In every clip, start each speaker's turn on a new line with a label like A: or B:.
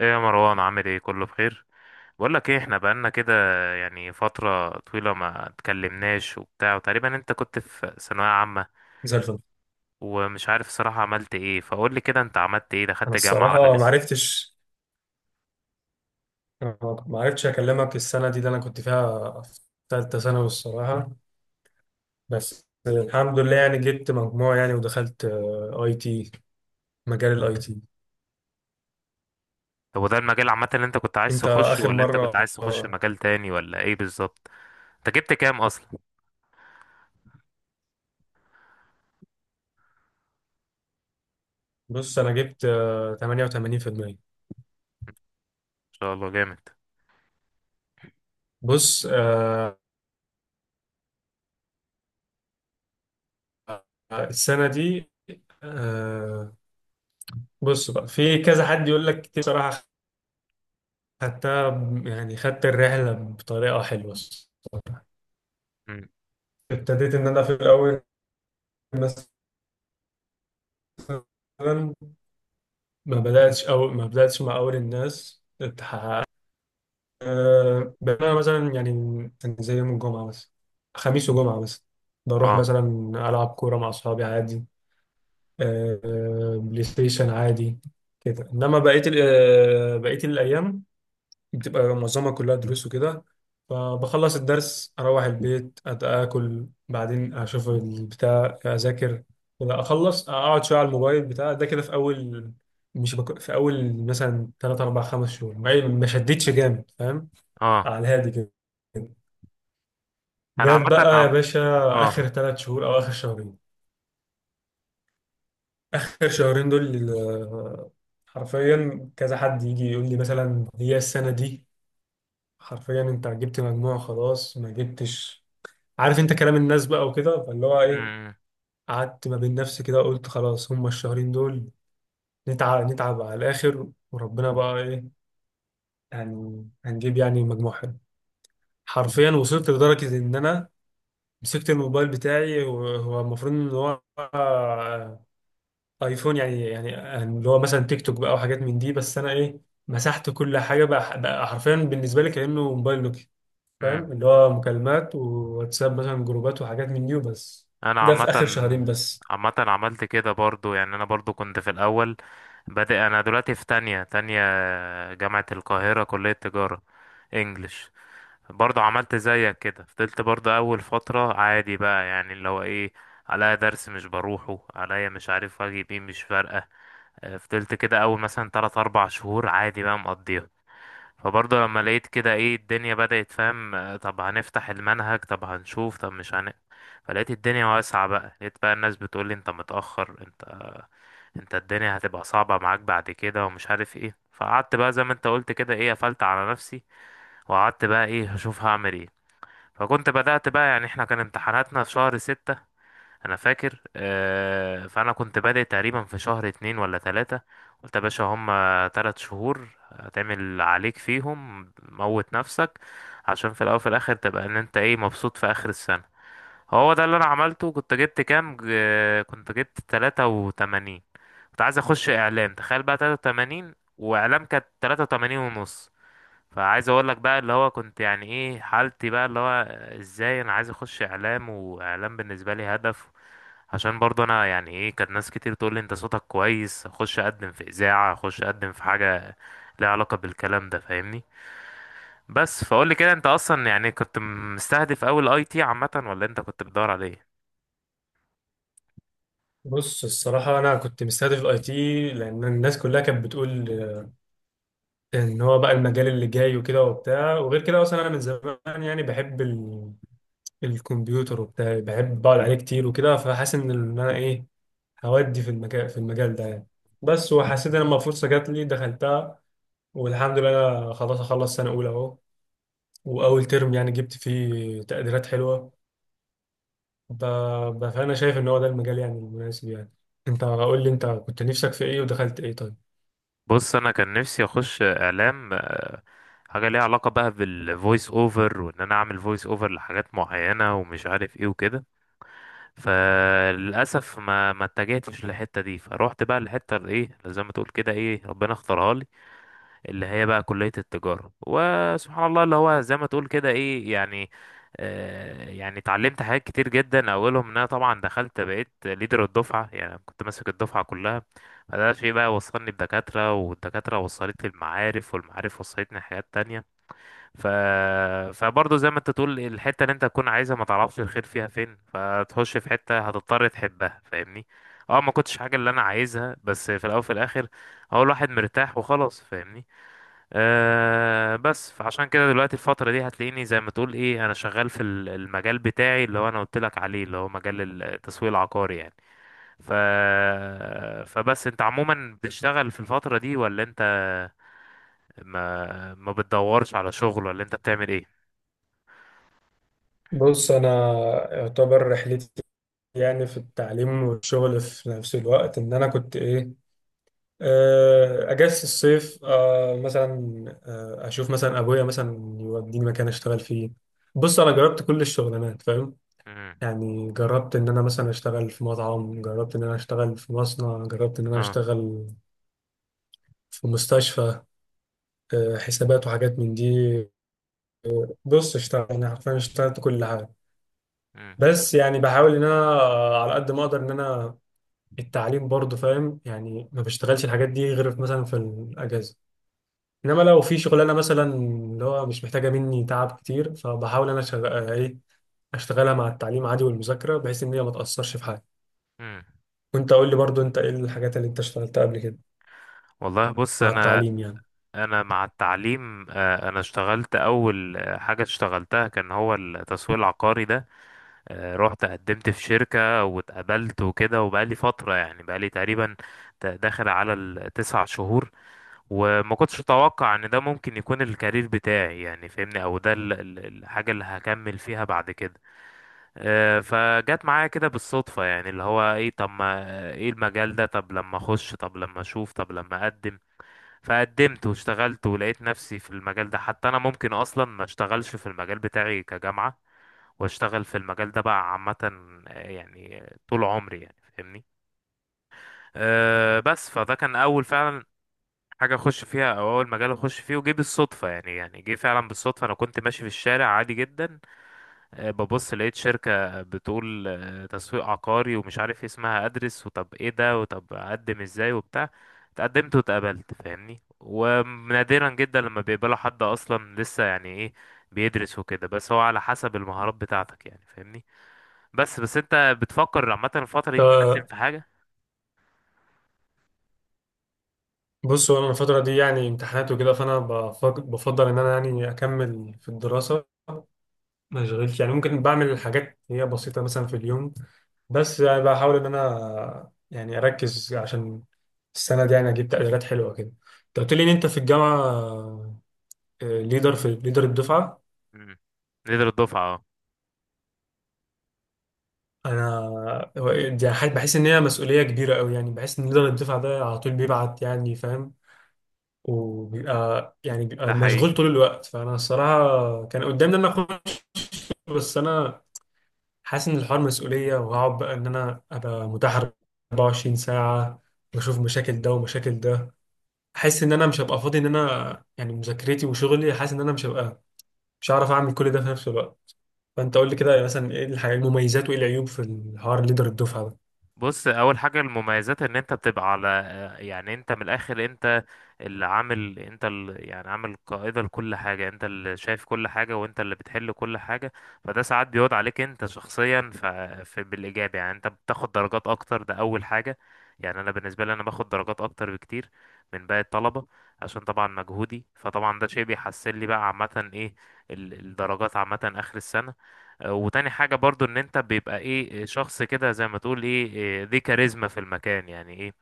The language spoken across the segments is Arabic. A: ايه يا مروان، عامل ايه؟ كله بخير. بقول لك ايه، احنا بقالنا كده يعني فترة طويلة ما اتكلمناش وبتاع. وتقريبا انت كنت في ثانوية عامة
B: زي الفل.
A: ومش عارف صراحة عملت ايه، فقول لي كده، انت عملت ايه؟
B: انا
A: دخلت جامعة ولا
B: الصراحه ما
A: لسه؟
B: عرفتش ما عرفتش اكلمك السنه دي اللي انا كنت فيها في ثالثه ثانوي الصراحه. بس الحمد لله يعني جبت مجموع يعني ودخلت اي تي. مجال الاي تي.
A: طب وده المجال عامة اللي انت كنت عايز
B: انت
A: تخشه،
B: اخر
A: ولا انت كنت
B: مره؟
A: عايز تخش
B: آه،
A: مجال تاني، ولا ايه بالظبط؟ انت جبت كام اصلا؟ ما
B: بص انا جبت 88%.
A: شاء الله، جامد.
B: بص السنه دي. آه، بص بقى في كذا حد يقول لك كتير صراحه. يعني خدت الرحله بطريقه حلوه.
A: مم.
B: ابتديت ان انا في الاول مثلا ما بدأتش مع أول الناس تحقق. بقى مثلا يعني زي يوم الجمعة بس. خميس وجمعة بس. بروح
A: اه.
B: مثلا ألعب كورة مع أصحابي عادي. بلاي ستيشن عادي كده. إنما بقية ال- آه، بقية الأيام بتبقى معظمها كلها دروس وكده. فبخلص الدرس اروح البيت اكل بعدين اشوف البتاع اذاكر كده اخلص اقعد شويه على الموبايل بتاع ده كده في اول. مش بك... في اول مثلا 3 4 5 شهور ما شدتش جامد فاهم.
A: اه.
B: على الهادي كده.
A: انا
B: جت
A: عامة.
B: بقى يا
A: عم.
B: باشا
A: اه.
B: اخر 3 شهور او اخر شهرين. اخر شهرين دول حرفيا كذا حد يجي يقول لي مثلا هي السنه دي. حرفيا انت جبت مجموع خلاص ما جبتش عارف. انت كلام الناس بقى وكده فاللي هو ايه.
A: مم.
B: قعدت ما بين نفسي كده وقلت خلاص هما الشهرين دول نتعب نتعب على الاخر وربنا بقى ايه يعني هنجيب يعني مجموع حلو. حرفيا وصلت لدرجة ان انا مسكت الموبايل بتاعي وهو المفروض ان هو ايفون يعني اللي هو مثلا تيك توك بقى وحاجات من دي بس انا ايه مسحت كل حاجة بقى، حرفيا بالنسبة لي كأنه موبايل نوكيا
A: مم.
B: فاهم. اللي هو مكالمات وواتساب مثلا جروبات وحاجات من دي وبس.
A: انا
B: ده
A: عامه.
B: في آخر شهرين بس.
A: عامه عملت كده برضو، يعني انا برضو كنت في الاول بادئ. انا دلوقتي في تانية تانية، جامعه القاهره، كليه تجاره، انجلش. برضو عملت زيك كده، فضلت برضو اول فتره عادي بقى، يعني اللي هو ايه، عليا درس مش بروحه، عليا مش عارف واجب ايه، مش فارقه. فضلت كده اول مثلا 3 4 شهور عادي بقى مقضيها. فبرضه لما لقيت كده ايه الدنيا بدأت، فاهم؟ طب هنفتح المنهج، طب هنشوف، طب مش هن فلقيت الدنيا واسعة بقى. لقيت بقى الناس بتقولي انت متأخر، انت الدنيا هتبقى صعبة معاك بعد كده، ومش عارف ايه. فقعدت بقى زي ما انت قلت كده، ايه، قفلت على نفسي وقعدت بقى ايه هشوف هعمل ايه. فكنت بدأت بقى يعني، احنا كان امتحاناتنا في شهر 6، انا فاكر. فانا كنت بادئ تقريبا في شهر 2 ولا 3. قلت يا باشا، هما 3 شهور هتعمل اللي عليك فيهم، موت نفسك عشان في الاول وفي الاخر تبقى ان انت ايه مبسوط في اخر السنة. هو ده اللي انا عملته. كنت جبت كام كنت جبت 83. كنت عايز اخش اعلام، تخيل بقى، 83، واعلام كانت تلاتة وتمانين ونص. فعايز اقول لك بقى اللي هو كنت يعني ايه حالتي بقى، اللي هو ازاي انا عايز اخش اعلام واعلام بالنسبه لي هدف. عشان برضه انا يعني ايه، كانت ناس كتير تقول لي انت صوتك كويس، اخش اقدم في اذاعه، اخش اقدم في حاجه ليها علاقه بالكلام ده، فاهمني؟ بس فقول لي كده، انت اصلا يعني كنت مستهدف اول اي تي عامه، ولا انت كنت بتدور على ايه؟
B: بص الصراحة أنا كنت مستهدف الأي تي لأن الناس كلها كانت بتقول إن هو بقى المجال اللي جاي وكده وبتاع وغير كده. أصلا أنا من زمان يعني بحب الكمبيوتر وبتاع. بحب بقعد عليه كتير وكده فحاسس إن أنا إيه هودي في المجال. في المجال ده يعني. بس وحسيت إن لما فرصة جات لي دخلتها والحمد لله. أنا خلاص أخلص سنة أولى أهو وأول ترم يعني جبت فيه تقديرات حلوة. ب... فأنا شايف إن هو ده المجال يعني المناسب يعني. أنت قول لي أنت كنت نفسك في إيه ودخلت إيه طيب؟
A: بص، انا كان نفسي اخش اعلام، حاجه ليها علاقه بقى بالفويس اوفر، وان انا اعمل فويس اوفر لحاجات معينه ومش عارف ايه وكده. فللاسف ما اتجهتش للحته دي، فروحت بقى للحته اللي ايه، اللي زي ما تقول كده ايه، ربنا اختارها لي، اللي هي بقى كليه التجاره. وسبحان الله، اللي هو زي ما تقول كده ايه يعني، آه، يعني اتعلمت حاجات كتير جدا. اولهم ان انا طبعا دخلت بقيت ليدر الدفعه، يعني كنت ماسك الدفعه كلها. فده شيء بقى وصلني بدكاتره، والدكاتره وصلت لي المعارف، والمعارف وصلتني حاجات تانية. ف... فبرضه زي ما انت تقول، الحتة اللي انت تكون عايزها ما تعرفش الخير فيها فين، فتخش في حتة هتضطر تحبها، فاهمني؟ اه، ما كنتش حاجة اللي انا عايزها، بس في الاول وفي الاخر هو الواحد مرتاح وخلاص، فاهمني؟ آه، بس فعشان كده دلوقتي الفترة دي هتلاقيني زي ما تقول ايه، انا شغال في المجال بتاعي اللي هو انا قلت لك عليه، اللي هو مجال التسويق العقاري يعني. ف... فبس انت عموما بتشتغل في الفترة دي، ولا انت ما بتدورش على شغل، ولا انت بتعمل ايه؟
B: بص انا يعتبر رحلتي يعني في التعليم والشغل في نفس الوقت ان انا كنت ايه. اجازة الصيف مثلا. اشوف مثلا ابويا مثلا يوديني مكان اشتغل فيه. بص انا جربت كل الشغلانات فاهم. يعني جربت ان انا مثلا اشتغل في مطعم، جربت ان انا اشتغل في مصنع، جربت ان انا
A: اه.
B: اشتغل في مستشفى حسابات وحاجات من دي. بص اشتغل يعني حرفيا اشتغلت كل حاجة.
A: مم.
B: بس يعني بحاول ان انا على قد ما اقدر ان انا التعليم برضه فاهم. يعني ما بشتغلش الحاجات دي غير في مثلا في الاجازه. انما لو في شغلانه مثلا اللي هو مش محتاجه مني تعب كتير فبحاول انا شغ... آه، ايه اشتغلها مع التعليم عادي والمذاكره بحيث ان هي ما تاثرش في حاجه.
A: مم.
B: وانت قول لي برضه انت ايه الحاجات اللي انت اشتغلتها قبل كده
A: والله بص،
B: مع
A: انا
B: التعليم يعني؟
A: انا مع التعليم آه، انا اشتغلت اول آه، حاجه اشتغلتها كان هو التسويق العقاري ده. آه، رحت قدمت في شركه واتقبلت وكده، وبقالي فتره يعني، بقالي تقريبا داخل على التسع شهور. وما كنتش اتوقع ان ده ممكن يكون الكارير بتاعي يعني، فاهمني؟ او ده الحاجه اللي هكمل فيها بعد كده. آه، فجت معايا كده بالصدفة، يعني اللي هو ايه، طب ما ايه المجال ده، طب لما اخش، طب لما اشوف، طب لما اقدم. فقدمت واشتغلت ولقيت نفسي في المجال ده، حتى انا ممكن اصلا ما اشتغلش في المجال بتاعي كجامعة واشتغل في المجال ده بقى عامة، آه، يعني آه، طول عمري يعني، فاهمني؟ أه، بس فده كان اول فعلا حاجة اخش فيها، او اول مجال اخش فيه وجه بالصدفة يعني. يعني جه فعلا بالصدفة، انا كنت ماشي في الشارع عادي جدا، آه، ببص لقيت شركة بتقول آه، تسويق عقاري ومش عارف إيه اسمها، ادرس وطب ايه ده وطب اقدم ازاي وبتاع. اتقدمت واتقبلت، فاهمني؟ ونادرا جدا لما بيقبلوا حد اصلا لسه يعني ايه بيدرس وكده، بس هو على حسب المهارات بتاعتك يعني، فاهمني؟ بس انت بتفكر عامة الفترة دي تقدم
B: ف-
A: في حاجة؟
B: بص هو انا الفتره دي يعني امتحانات وكده فانا بفضل ان انا يعني اكمل في الدراسه. ما اشغلش. يعني ممكن بعمل حاجات هي بسيطة مثلا في اليوم بس يعني بحاول ان انا يعني اركز عشان السنة دي يعني اجيب تقديرات حلوة كده. انت قلت لي ان انت في الجامعة ليدر الدفعة.
A: مم. نقدر الدفعة اه.
B: انا دي حاجة بحس ان هي مسؤولية كبيرة قوي. يعني بحس ان ليدر الدفعة ده على طول بيبعت يعني فاهم. وبيبقى يعني بيبقى
A: ده حقيقي.
B: مشغول طول الوقت. فانا الصراحة كان قدامي ان انا اخد، بس انا حاسس ان الحوار مسؤوليه وهقعد بقى ان انا ابقى متاح 24 ساعه واشوف مشاكل ده ومشاكل ده. حاسس ان انا مش هبقى فاضي ان انا يعني مذاكرتي وشغلي. حاسس ان انا مش هعرف اعمل كل ده في نفس الوقت. فانت قول لي كده مثلا ايه الحاجات المميزات وايه العيوب في الحوار ليدر الدفعه؟
A: بص، اول حاجه المميزات ان انت بتبقى على آه، يعني انت من الاخر انت اللي عامل، انت اللي يعني عامل قائده لكل حاجه، انت اللي شايف كل حاجه، وانت اللي بتحل كل حاجه. فده ساعات بيعود عليك انت شخصيا في بالايجاب، يعني انت بتاخد درجات اكتر، ده اول حاجه. يعني انا بالنسبه لي انا باخد درجات اكتر بكتير من باقي الطلبه، عشان طبعا مجهودي. فطبعا ده شيء بيحسن لي بقى عامه ايه، الدرجات عامه اخر السنه. وتاني حاجة برضو ان انت بيبقى ايه آه، شخص كده زي ما تقول ايه، إيه، ذي كاريزما في المكان يعني. ايه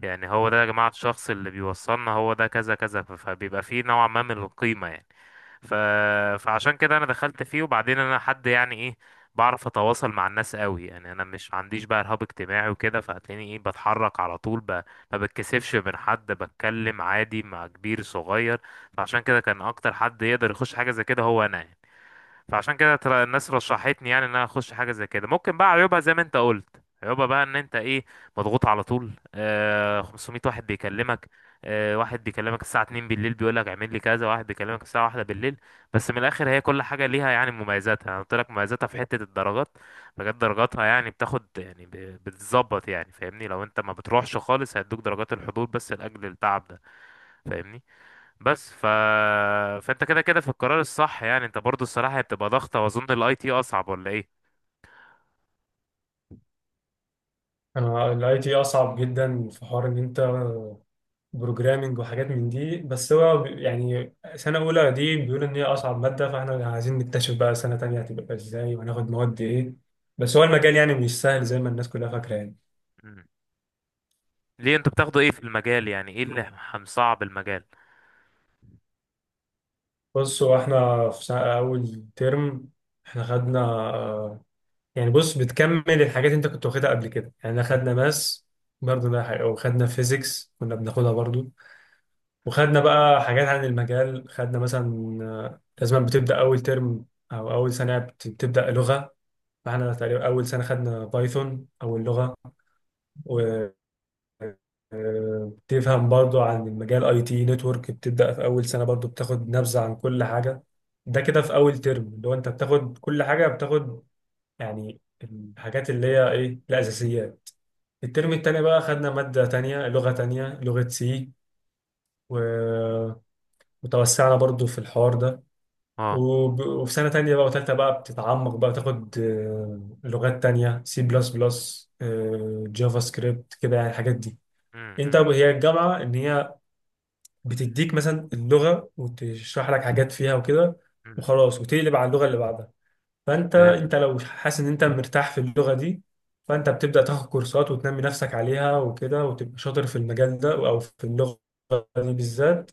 A: يعني، هو ده يا جماعة الشخص اللي بيوصلنا، هو ده كذا كذا فبيبقى فيه نوع ما من القيمة يعني. ف... فعشان كده انا دخلت فيه. وبعدين انا حد يعني ايه بعرف اتواصل مع الناس قوي، يعني انا مش عنديش بقى ارهاب اجتماعي وكده، فهتلاقيني ايه بتحرك على طول ما بتكسفش من حد، بتكلم عادي مع كبير صغير. فعشان كده كان اكتر حد يقدر يخش حاجة زي كده هو انا يعني. فعشان كده ترى الناس رشحتني يعني ان انا اخش حاجه زي كده. ممكن بقى عيوبها، زي ما انت قلت، عيوبها بقى ان انت ايه، مضغوط على طول، آه 500 واحد بيكلمك، آه واحد بيكلمك الساعه 2 بالليل بيقول لك اعمل لي كذا، واحد بيكلمك الساعه 1 بالليل. بس من الاخر هي كل حاجه ليها يعني مميزاتها، انا قلت لك مميزاتها في حته الدرجات. بجد درجاتها يعني بتاخد يعني بتتظبط يعني، فاهمني؟ لو انت ما بتروحش خالص هيدوك درجات الحضور بس لاجل التعب ده، فاهمني؟ بس ف... فانت كده كده في القرار الصح يعني. انت برضو الصراحة هي بتبقى ضغطة، واظن الاي تي اصعب ولا ايه؟
B: الاي تي اصعب جدا في حوار ان انت بروجرامنج وحاجات من دي. بس هو يعني سنة أولى دي بيقول إن هي أصعب مادة. فإحنا عايزين نكتشف بقى سنة تانية هتبقى إزاي وهناخد مواد إيه. بس هو المجال يعني مش سهل زي ما الناس كلها فاكرة يعني.
A: مم. ليه انتوا بتاخدوا ايه في المجال؟ يعني ايه اللي مصعب المجال؟
B: بص هو إحنا في سنة أول ترم إحنا خدنا. آه، يعني بص بتكمل الحاجات اللي أنت كنت واخدها قبل كده. يعني إحنا خدنا ماس برضه ده حاجة. وخدنا فيزيكس كنا بناخدها برضه. وخدنا بقى حاجات عن المجال خدنا مثلا لازم بتبدأ أول ترم أو أول سنة بتبدأ لغة. فاحنا تقريبا أول سنة خدنا بايثون أول لغة. وبتفهم برضو عن المجال أي تي نتورك بتبدأ في أول سنة برضو بتاخد نبذة عن كل حاجة. ده كده
A: مم.
B: في أول ترم اللي هو أنت بتاخد كل حاجة. بتاخد يعني الحاجات اللي هي إيه الأساسيات. الترم التاني بقى خدنا مادة تانية لغة تانية لغة سي. وتوسعنا برضو في الحوار ده.
A: اه.
B: وفي سنة تانية بقى وتالتة بقى بتتعمق بقى تاخد لغات تانية سي بلس بلس، جافا سكريبت كده يعني الحاجات دي.
A: مم.
B: انت
A: مم.
B: هي الجامعة ان هي بتديك مثلا اللغة وتشرح لك حاجات فيها وكده
A: مم.
B: وخلاص وتقلب على اللغة اللي بعدها. فانت
A: فهمت.
B: انت لو حاسس ان انت مرتاح في اللغة دي فانت بتبدأ تاخد كورسات وتنمي نفسك عليها وكده وتبقى شاطر في المجال ده او في اللغة دي بالذات.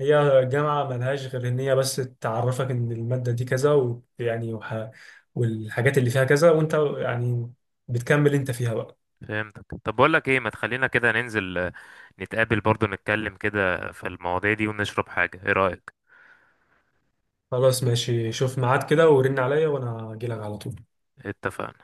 B: هي جامعة ملهاش غير إن هي بس تعرفك إن المادة دي كذا، ويعني والحاجات اللي فيها كذا وأنت يعني بتكمل أنت فيها بقى.
A: فهمتك. طب بقول لك ايه، ما تخلينا كده ننزل آه، نتقابل برضو نتكلم كده في المواضيع دي ونشرب حاجة، ايه رأيك؟
B: خلاص ماشي شوف ميعاد كده ورن عليا وأنا أجيلك على طول.
A: اتفقنا.